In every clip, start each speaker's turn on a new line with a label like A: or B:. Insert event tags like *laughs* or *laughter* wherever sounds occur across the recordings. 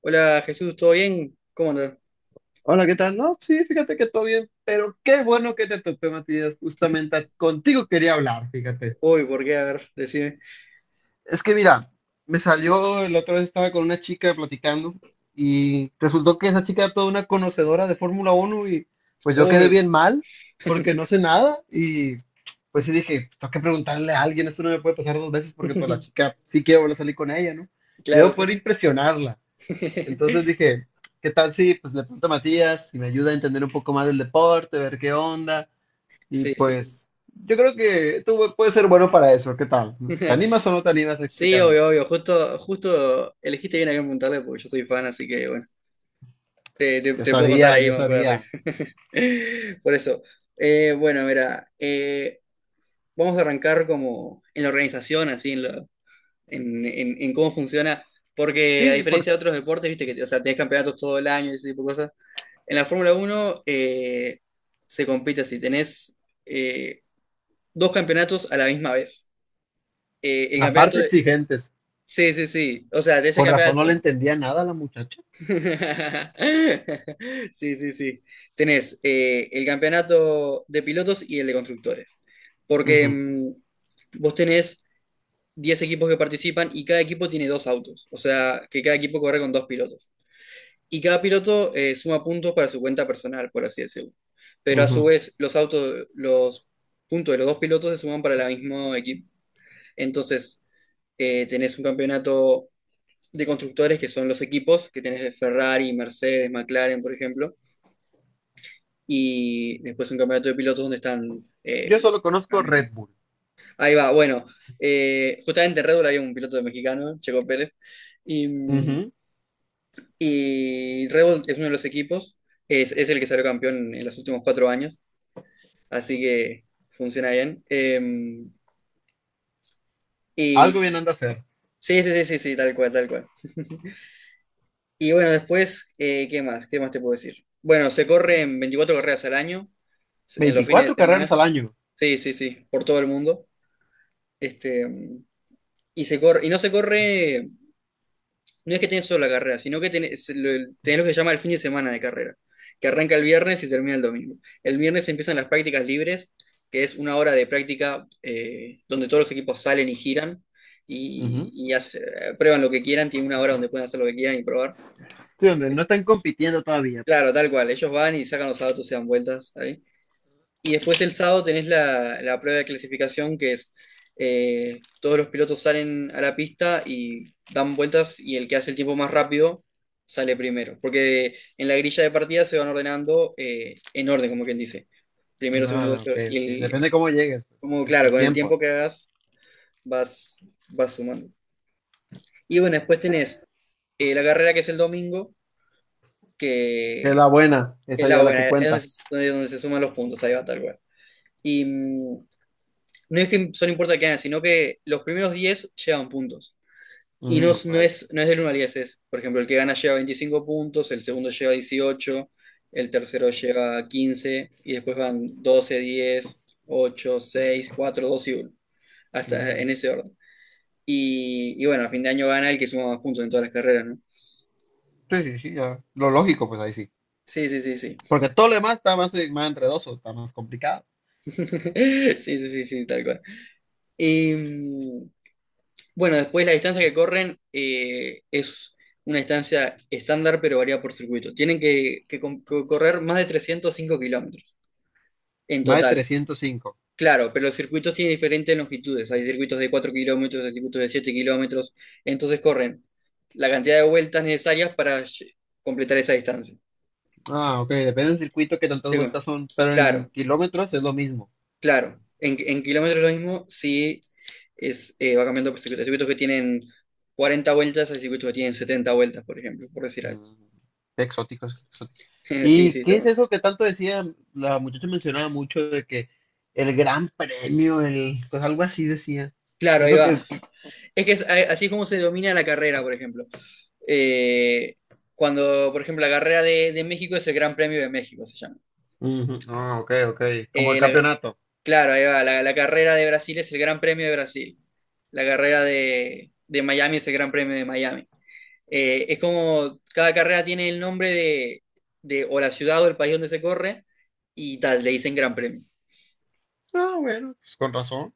A: Hola Jesús, ¿todo bien? ¿Cómo andas?
B: Hola, ¿qué tal? No, sí, fíjate que todo bien, pero qué bueno que te topé, Matías. Justamente contigo quería hablar, fíjate.
A: Uy, ¿por qué? A ver, decime.
B: Es que mira, me salió, la otra vez estaba con una chica platicando y resultó que esa chica era toda una conocedora de Fórmula Uno y pues yo quedé
A: Uy,
B: bien mal porque no sé nada y pues sí dije, tengo que preguntarle a alguien, esto no me puede pasar dos veces porque pues la
A: *laughs*
B: chica sí quiero volver a salir con ella, ¿no?
A: claro,
B: Quiero poder
A: sí.
B: impresionarla.
A: *laughs*
B: Entonces dije, ¿qué tal si pues le pregunto a Matías si me ayuda a entender un poco más del deporte, ver qué onda? Y
A: Sí, sí, sí.
B: pues yo creo que tú puedes ser bueno para eso, ¿qué tal? ¿Te
A: *laughs*
B: animas o no te animas a
A: Sí,
B: explicarme?
A: obvio, obvio. Justo, justo elegiste bien a quién preguntarle porque yo soy fan, así que bueno, te, te-
B: Yo
A: te puedo contar
B: sabía,
A: ahí
B: yo
A: más para arriba.
B: sabía.
A: *laughs* Por eso. Bueno, mira, vamos a arrancar como en la organización, así, en cómo funciona, porque a
B: Sí, sí, por
A: diferencia de otros deportes, viste que, o sea, tenés campeonatos todo el año y ese tipo de cosas. En la Fórmula Uno se compite así. Tenés eh, dos campeonatos a la misma vez. El
B: la
A: campeonato
B: parte
A: de.
B: exigentes.
A: Sí, sí, sí. O sea, de ese
B: Con razón no
A: campeonato.
B: le entendía nada a la muchacha.
A: *laughs* Sí, sí, sí. Tenés el campeonato de pilotos y el de constructores. Porque
B: Ujú,
A: vos tenés 10 equipos que participan y cada equipo tiene dos autos. O sea, que cada equipo corre con dos pilotos. Y cada piloto suma puntos para su cuenta personal, por así decirlo. Pero a su
B: ujú.
A: vez, los autos, los puntos de los dos pilotos se suman para el mismo equipo. Entonces, tenés un campeonato de constructores, que son los equipos, que tenés de Ferrari, Mercedes, McLaren, por ejemplo. Y después un campeonato de pilotos donde están.
B: Yo solo conozco Red Bull.
A: Ahí va, bueno, justamente en Red Bull había un piloto mexicano, Checo Pérez. y mm,
B: Ujú.
A: Y Red Bull es uno de los equipos, es el que salió campeón en los últimos 4 años, así que funciona bien.
B: Algo bien
A: Y
B: anda a hacer.
A: sí, sí, sí, sí, sí, tal cual, tal cual. Y bueno, después, ¿qué más? ¿Qué más te puedo decir? Bueno, se corren 24 carreras al año, en los fines de
B: 24 carreras
A: semana.
B: al año.
A: Sí, sí, sí, por todo el mundo. Este, y se corre, y no se corre. No es que tenés solo la carrera, sino que tenés lo que se llama el fin de semana de carrera, que arranca el viernes y termina el domingo. El viernes empiezan las prácticas libres, que es 1 hora de práctica donde todos los equipos salen y giran y,
B: Ujú.
A: y hace- prueban lo que quieran, tienen 1 hora donde pueden hacer lo que quieran y probar.
B: Sí, donde no están compitiendo todavía
A: Claro,
B: pues.
A: tal cual, ellos van y sacan los autos y dan vueltas ahí. Y después el sábado tenés la prueba de clasificación, que es todos los pilotos salen a la pista y dan vueltas, y el que hace el tiempo más rápido sale primero. Porque en la grilla de partida se van ordenando en orden, como quien dice. Primero, segundo,
B: Ah,
A: tercero.
B: ok,
A: Y
B: ok.
A: el,
B: Depende cómo llegues, pues,
A: como
B: que
A: claro,
B: tus
A: con el tiempo
B: tiempos.
A: que hagas vas, vas sumando. Y bueno, después tenés la carrera, que es el domingo,
B: Que es
A: que
B: la buena,
A: es
B: esa ya
A: la
B: es la que
A: buena, es donde
B: cuenta.
A: se, donde, donde se suman los puntos, ahí va, tal cual. Y no es que son importa que ganan, sino que los primeros 10 llevan puntos. Y no,
B: Mm,
A: es- no
B: vaya,
A: es,
B: vaya.
A: no es del 1 al 10. Es, por ejemplo, el que gana lleva 25 puntos, el segundo lleva 18, el tercero lleva 15, y después van 12, 10, 8, 6, 4, 2 y 1, hasta
B: Mm.
A: en ese orden. Y bueno, a fin de año gana el que suma más puntos en todas las carreras, ¿no?
B: Sí, sí, sí, ya. Lo lógico, pues ahí sí.
A: Sí, sí, sí, sí.
B: Porque todo lo demás está más, más enredoso, está más complicado.
A: *laughs* Sí, sí, sí, sí, tal cual. Y, mm, Bueno, después la distancia que corren es una distancia estándar, pero varía por circuito. Tienen que correr más de 305 kilómetros en
B: Más de
A: total.
B: 305.
A: Claro, pero los circuitos tienen diferentes longitudes. Hay circuitos de 4 kilómetros, hay circuitos de 7 kilómetros. Entonces corren la cantidad de vueltas necesarias para completar esa distancia.
B: Ah, ok, depende del circuito que tantas
A: Digo,
B: vueltas son, pero en
A: claro,
B: kilómetros es lo mismo.
A: claro. En kilómetros lo mismo, sí es, va cambiando por circuitos. Hay circuitos que tienen 40 vueltas, hay circuitos que tienen 70 vueltas, por ejemplo, por decir algo.
B: Mm, exótico, es exótico.
A: *laughs* Sí, sí,
B: ¿Y
A: está
B: qué es
A: bueno.
B: eso que tanto decía? La muchacha mencionaba mucho de que el gran premio, el, pues algo así decía.
A: Claro, ahí
B: Eso
A: va.
B: que
A: Es que así es como se domina la carrera, por ejemplo. Eh, cuando, por ejemplo, la carrera de México, es el Gran Premio de México, se llama.
B: ujú. Ah, ok, ok. Como el
A: Eh, la-
B: campeonato.
A: claro, ahí va. La carrera de Brasil es el Gran Premio de Brasil. La carrera de Miami es el Gran Premio de Miami. Es como cada carrera tiene el nombre de o la ciudad o el país donde se corre, y tal, le dicen Gran Premio.
B: Ah, bueno, pues con razón.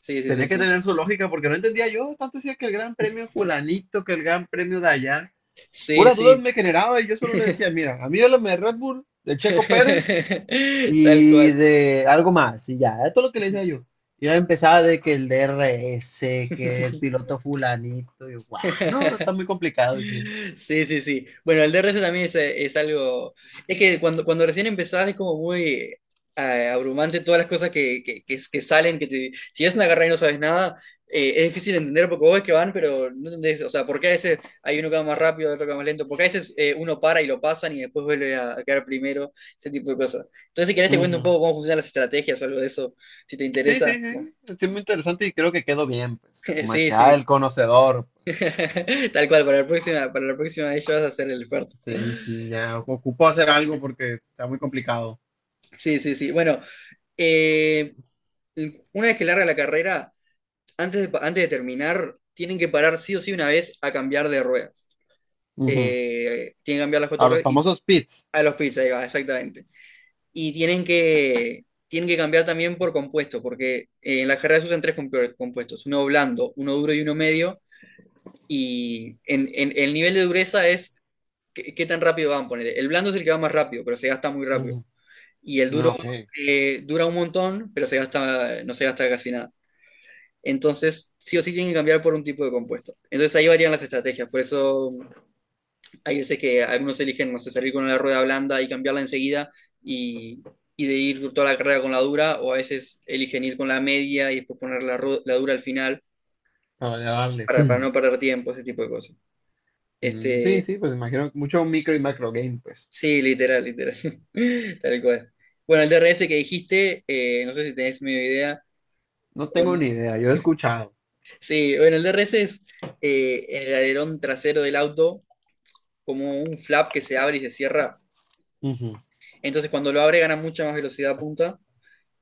A: Sí, sí, sí,
B: Tenía que
A: sí.
B: tener su lógica porque no entendía yo. Tanto decía que el gran premio fulanito, que el gran premio de allá.
A: Sí,
B: Puras dudas
A: sí.
B: me generaba y yo solo le decía, mira, a mí háblame de Red Bull, de Checo Pérez
A: *laughs* Tal
B: y
A: cual.
B: de algo más. Y ya, esto es lo que le decía yo. Y ya empezaba de que el DRS, que el piloto fulanito. Y yo, guau, no, no, está muy complicado decía.
A: Sí, sí, sí. Bueno, el DRS también es algo. Es que cuando recién empezás es como muy abrumante todas las cosas que salen, si es una carrera y no sabes nada, es difícil entender porque vos ves que van, pero no entendés. O sea, porque a veces hay uno que va más rápido, otro que va más lento. Porque a veces uno para y lo pasan y después vuelve a quedar primero, ese tipo de cosas. Entonces, si querés, te cuento un
B: Ujú.
A: poco cómo funcionan las estrategias o algo de eso, si te
B: Sí, sí,
A: interesa.
B: sí. Es muy interesante y creo que quedó bien, pues.
A: *laughs*
B: Como
A: Sí,
B: que, ah, el
A: sí.
B: conocedor.
A: *laughs* Tal cual, para la próxima vez ya vas a hacer el esfuerzo.
B: Sí, sí, ya ocupó hacer algo porque está muy complicado.
A: Sí, sí, sí. Bueno, eh, una vez que larga la carrera, antes de terminar, tienen que parar sí o sí una vez a cambiar de ruedas.
B: Ujú.
A: Tienen que cambiar las cuatro
B: A los
A: ruedas y
B: famosos pits.
A: a los pits, ahí va, exactamente. Y tienen que cambiar también por compuesto, porque en la carrera se usan tres compuestos, uno blando, uno duro y uno medio. Y el nivel de dureza es qué tan rápido van a poner. El blando es el que va más rápido, pero se gasta muy rápido.
B: Ujú.
A: Y el
B: Ah,
A: duro
B: ok,
A: dura un montón, pero se gasta, no se gasta casi nada. Entonces, sí o sí tienen que cambiar por un tipo de compuesto. Entonces ahí varían las estrategias. Por eso hay veces que algunos eligen, no sé, salir con la rueda blanda y cambiarla enseguida y, y de ir toda la carrera con la dura, o a veces eligen ir con la media y después poner la dura al final
B: para darle,
A: para
B: ¡fum!
A: no perder tiempo, ese tipo de cosas.
B: Mm, sí,
A: Este,
B: sí, pues imagino que mucho micro y macro game, pues.
A: sí, literal, literal. *laughs* Tal cual. Bueno, el DRS que dijiste, no sé si tenés medio idea
B: No
A: o
B: tengo
A: no.
B: ni idea, yo he escuchado.
A: Sí, bueno, el DRS es en el alerón trasero del auto, como un flap que se abre y se cierra.
B: Ujú.
A: Entonces cuando lo abre gana mucha más velocidad punta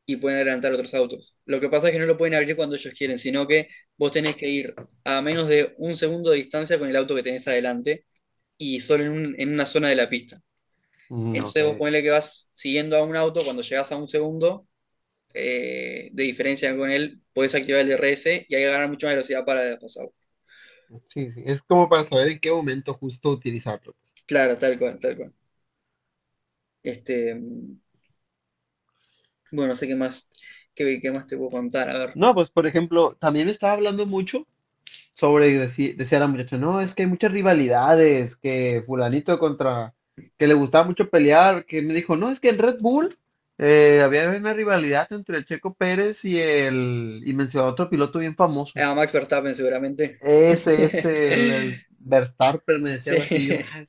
A: y pueden adelantar otros autos. Lo que pasa es que no lo pueden abrir cuando ellos quieren, sino que vos tenés que ir a menos de 1 segundo de distancia con el auto que tenés adelante, y solo en una zona de la pista.
B: Mm, ok,
A: Entonces vos ponele que vas siguiendo a un auto, cuando llegás a 1 segundo de diferencia con él, podés activar el DRS y ahí ganar mucha más velocidad para pasar.
B: sí, sí, es como para saber en qué momento justo utilizarlo, pues.
A: Claro, tal cual, tal cual. Este, bueno, no sé qué más te puedo contar. A ver,
B: No, pues por ejemplo, también estaba hablando mucho sobre, decía la muchacha, no, es que hay muchas rivalidades, que fulanito contra, que le gustaba mucho pelear, que me dijo, no, es que en Red Bull había una rivalidad entre el Checo Pérez y el, y mencionó a otro piloto bien famoso.
A: a Max Verstappen seguramente.
B: Ese es el
A: *laughs*
B: Verstappen, me decía
A: Sí,
B: algo así, yo, "Ay,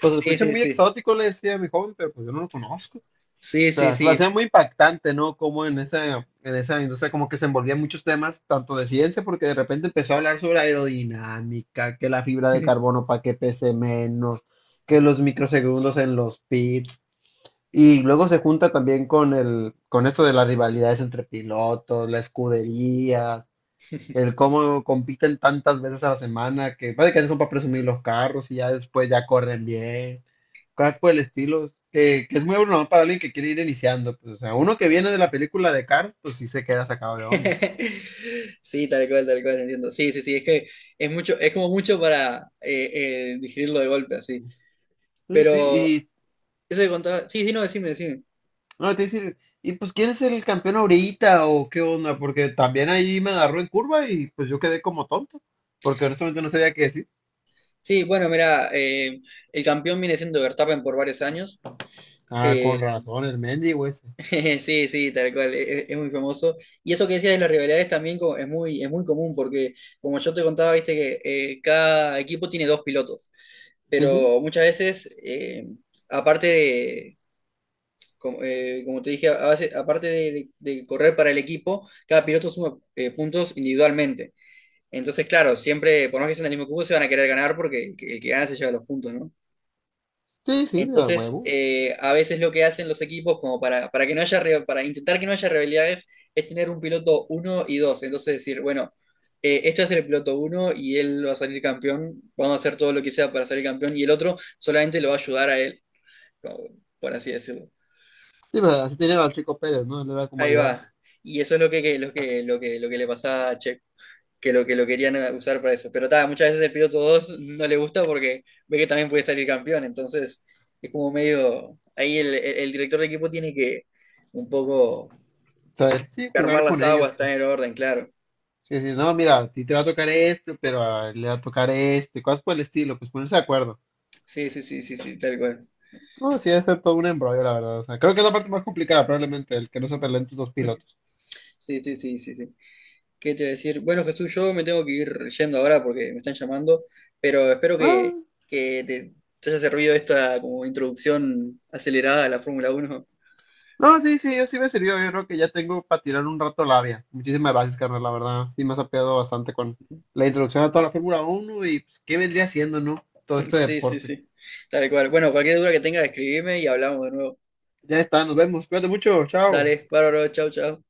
B: pues se
A: sí,
B: escucha
A: sí,
B: muy
A: sí.
B: exótico", le decía a mi joven, pero pues yo no lo conozco.
A: Sí,
B: O
A: sí,
B: sea, se me
A: sí.
B: hacía muy impactante, ¿no? Como en esa industria como que se envolvía en muchos temas, tanto de ciencia, porque de repente empezó a hablar sobre aerodinámica, que la fibra de carbono
A: *laughs*
B: para que pese menos, que los microsegundos en los pits, y luego se junta también con el, con esto de las rivalidades entre pilotos, las escuderías, el cómo compiten tantas veces a la semana, que básicamente son para presumir los carros y ya después ya corren bien, cosas por el estilo, es que es muy bueno para alguien que quiere ir iniciando, pues, o sea, uno que viene de la película de Cars, pues sí se queda sacado de onda.
A: Sí, tal cual, entiendo. Sí, sí, sí, es que es mucho, es como mucho para digerirlo de golpe, así.
B: Sí, sí,
A: Pero
B: y
A: eso que contaba, sí, sí, no, decime, decime.
B: no, te iba decir, y pues ¿quién es el campeón ahorita o qué onda? Porque también ahí me agarró en curva y pues yo quedé como tonto, porque honestamente no sabía qué decir.
A: Sí, bueno, mira, el campeón viene siendo Verstappen por varios años.
B: Ah,
A: Eh,
B: con razón, el Mendy, ese.
A: *laughs* Sí, sí, tal cual, es muy famoso. Y eso que decías de las rivalidades también es muy común, porque como yo te contaba, viste que cada equipo tiene dos pilotos,
B: Sí, sí,
A: pero muchas veces, aparte de, como, como te dije, aparte de correr para el equipo, cada piloto suma puntos individualmente. Entonces, claro, siempre, por más que sean del mismo equipo, se van a querer ganar porque el que gana se lleva los puntos, ¿no?
B: sí, sí, a
A: Entonces,
B: huevo.
A: a veces lo que hacen los equipos, como para que no haya, para intentar que no haya rivalidades, es tener un piloto uno y 2. Entonces decir, bueno, este va a ser el piloto uno y él va a salir campeón, vamos a hacer todo lo que sea para salir campeón, y el otro solamente lo va a ayudar a él, como- por así decirlo.
B: Sí, pero así tenía al chico Pérez, ¿no? Él era como
A: Ahí
B: ayudante.
A: va. Y eso es lo que- lo que, lo que, lo que le pasaba a Checo. Que lo que lo querían usar para eso. Pero ta, muchas veces el piloto 2 no le gusta porque ve que también puede salir campeón. Entonces es como medio. Ahí el director de equipo tiene que un poco
B: ¿Sabes? Sí,
A: calmar
B: jugar
A: las
B: con ellos,
A: aguas, estar
B: pues.
A: en orden, claro.
B: Sí, sí, no, mira, a ti te va a tocar esto, pero a él le va a tocar esto, y cosas por el estilo, pues ponerse de acuerdo.
A: Sí, sí, sí, sí, sí, tal cual.
B: No, sí, debe ser todo un embrollo, la verdad. O sea, creo que es la parte más complicada, probablemente, el que no se peleen tus dos pilotos.
A: Sí, sí, sí, sí, sí. ¿Qué te voy a decir? Bueno, Jesús, yo me tengo que ir yendo ahora porque me están llamando, pero espero que,
B: No,
A: que te haya servido esta como introducción acelerada a la Fórmula Uno.
B: no, sí, sí, yo sí me sirvió. Yo creo que ya tengo para tirar un rato labia. Muchísimas gracias, carnal, la verdad. Sí, me has apoyado bastante con la introducción a toda la Fórmula Uno y pues, qué vendría siendo, ¿no? Todo este
A: Sí, sí,
B: deporte.
A: sí. Tal cual. Bueno, cualquier duda que tengas, escribime y hablamos de nuevo.
B: Ya está, nos vemos. Cuídate mucho, chao.
A: Dale, bárbaro, chau, chau.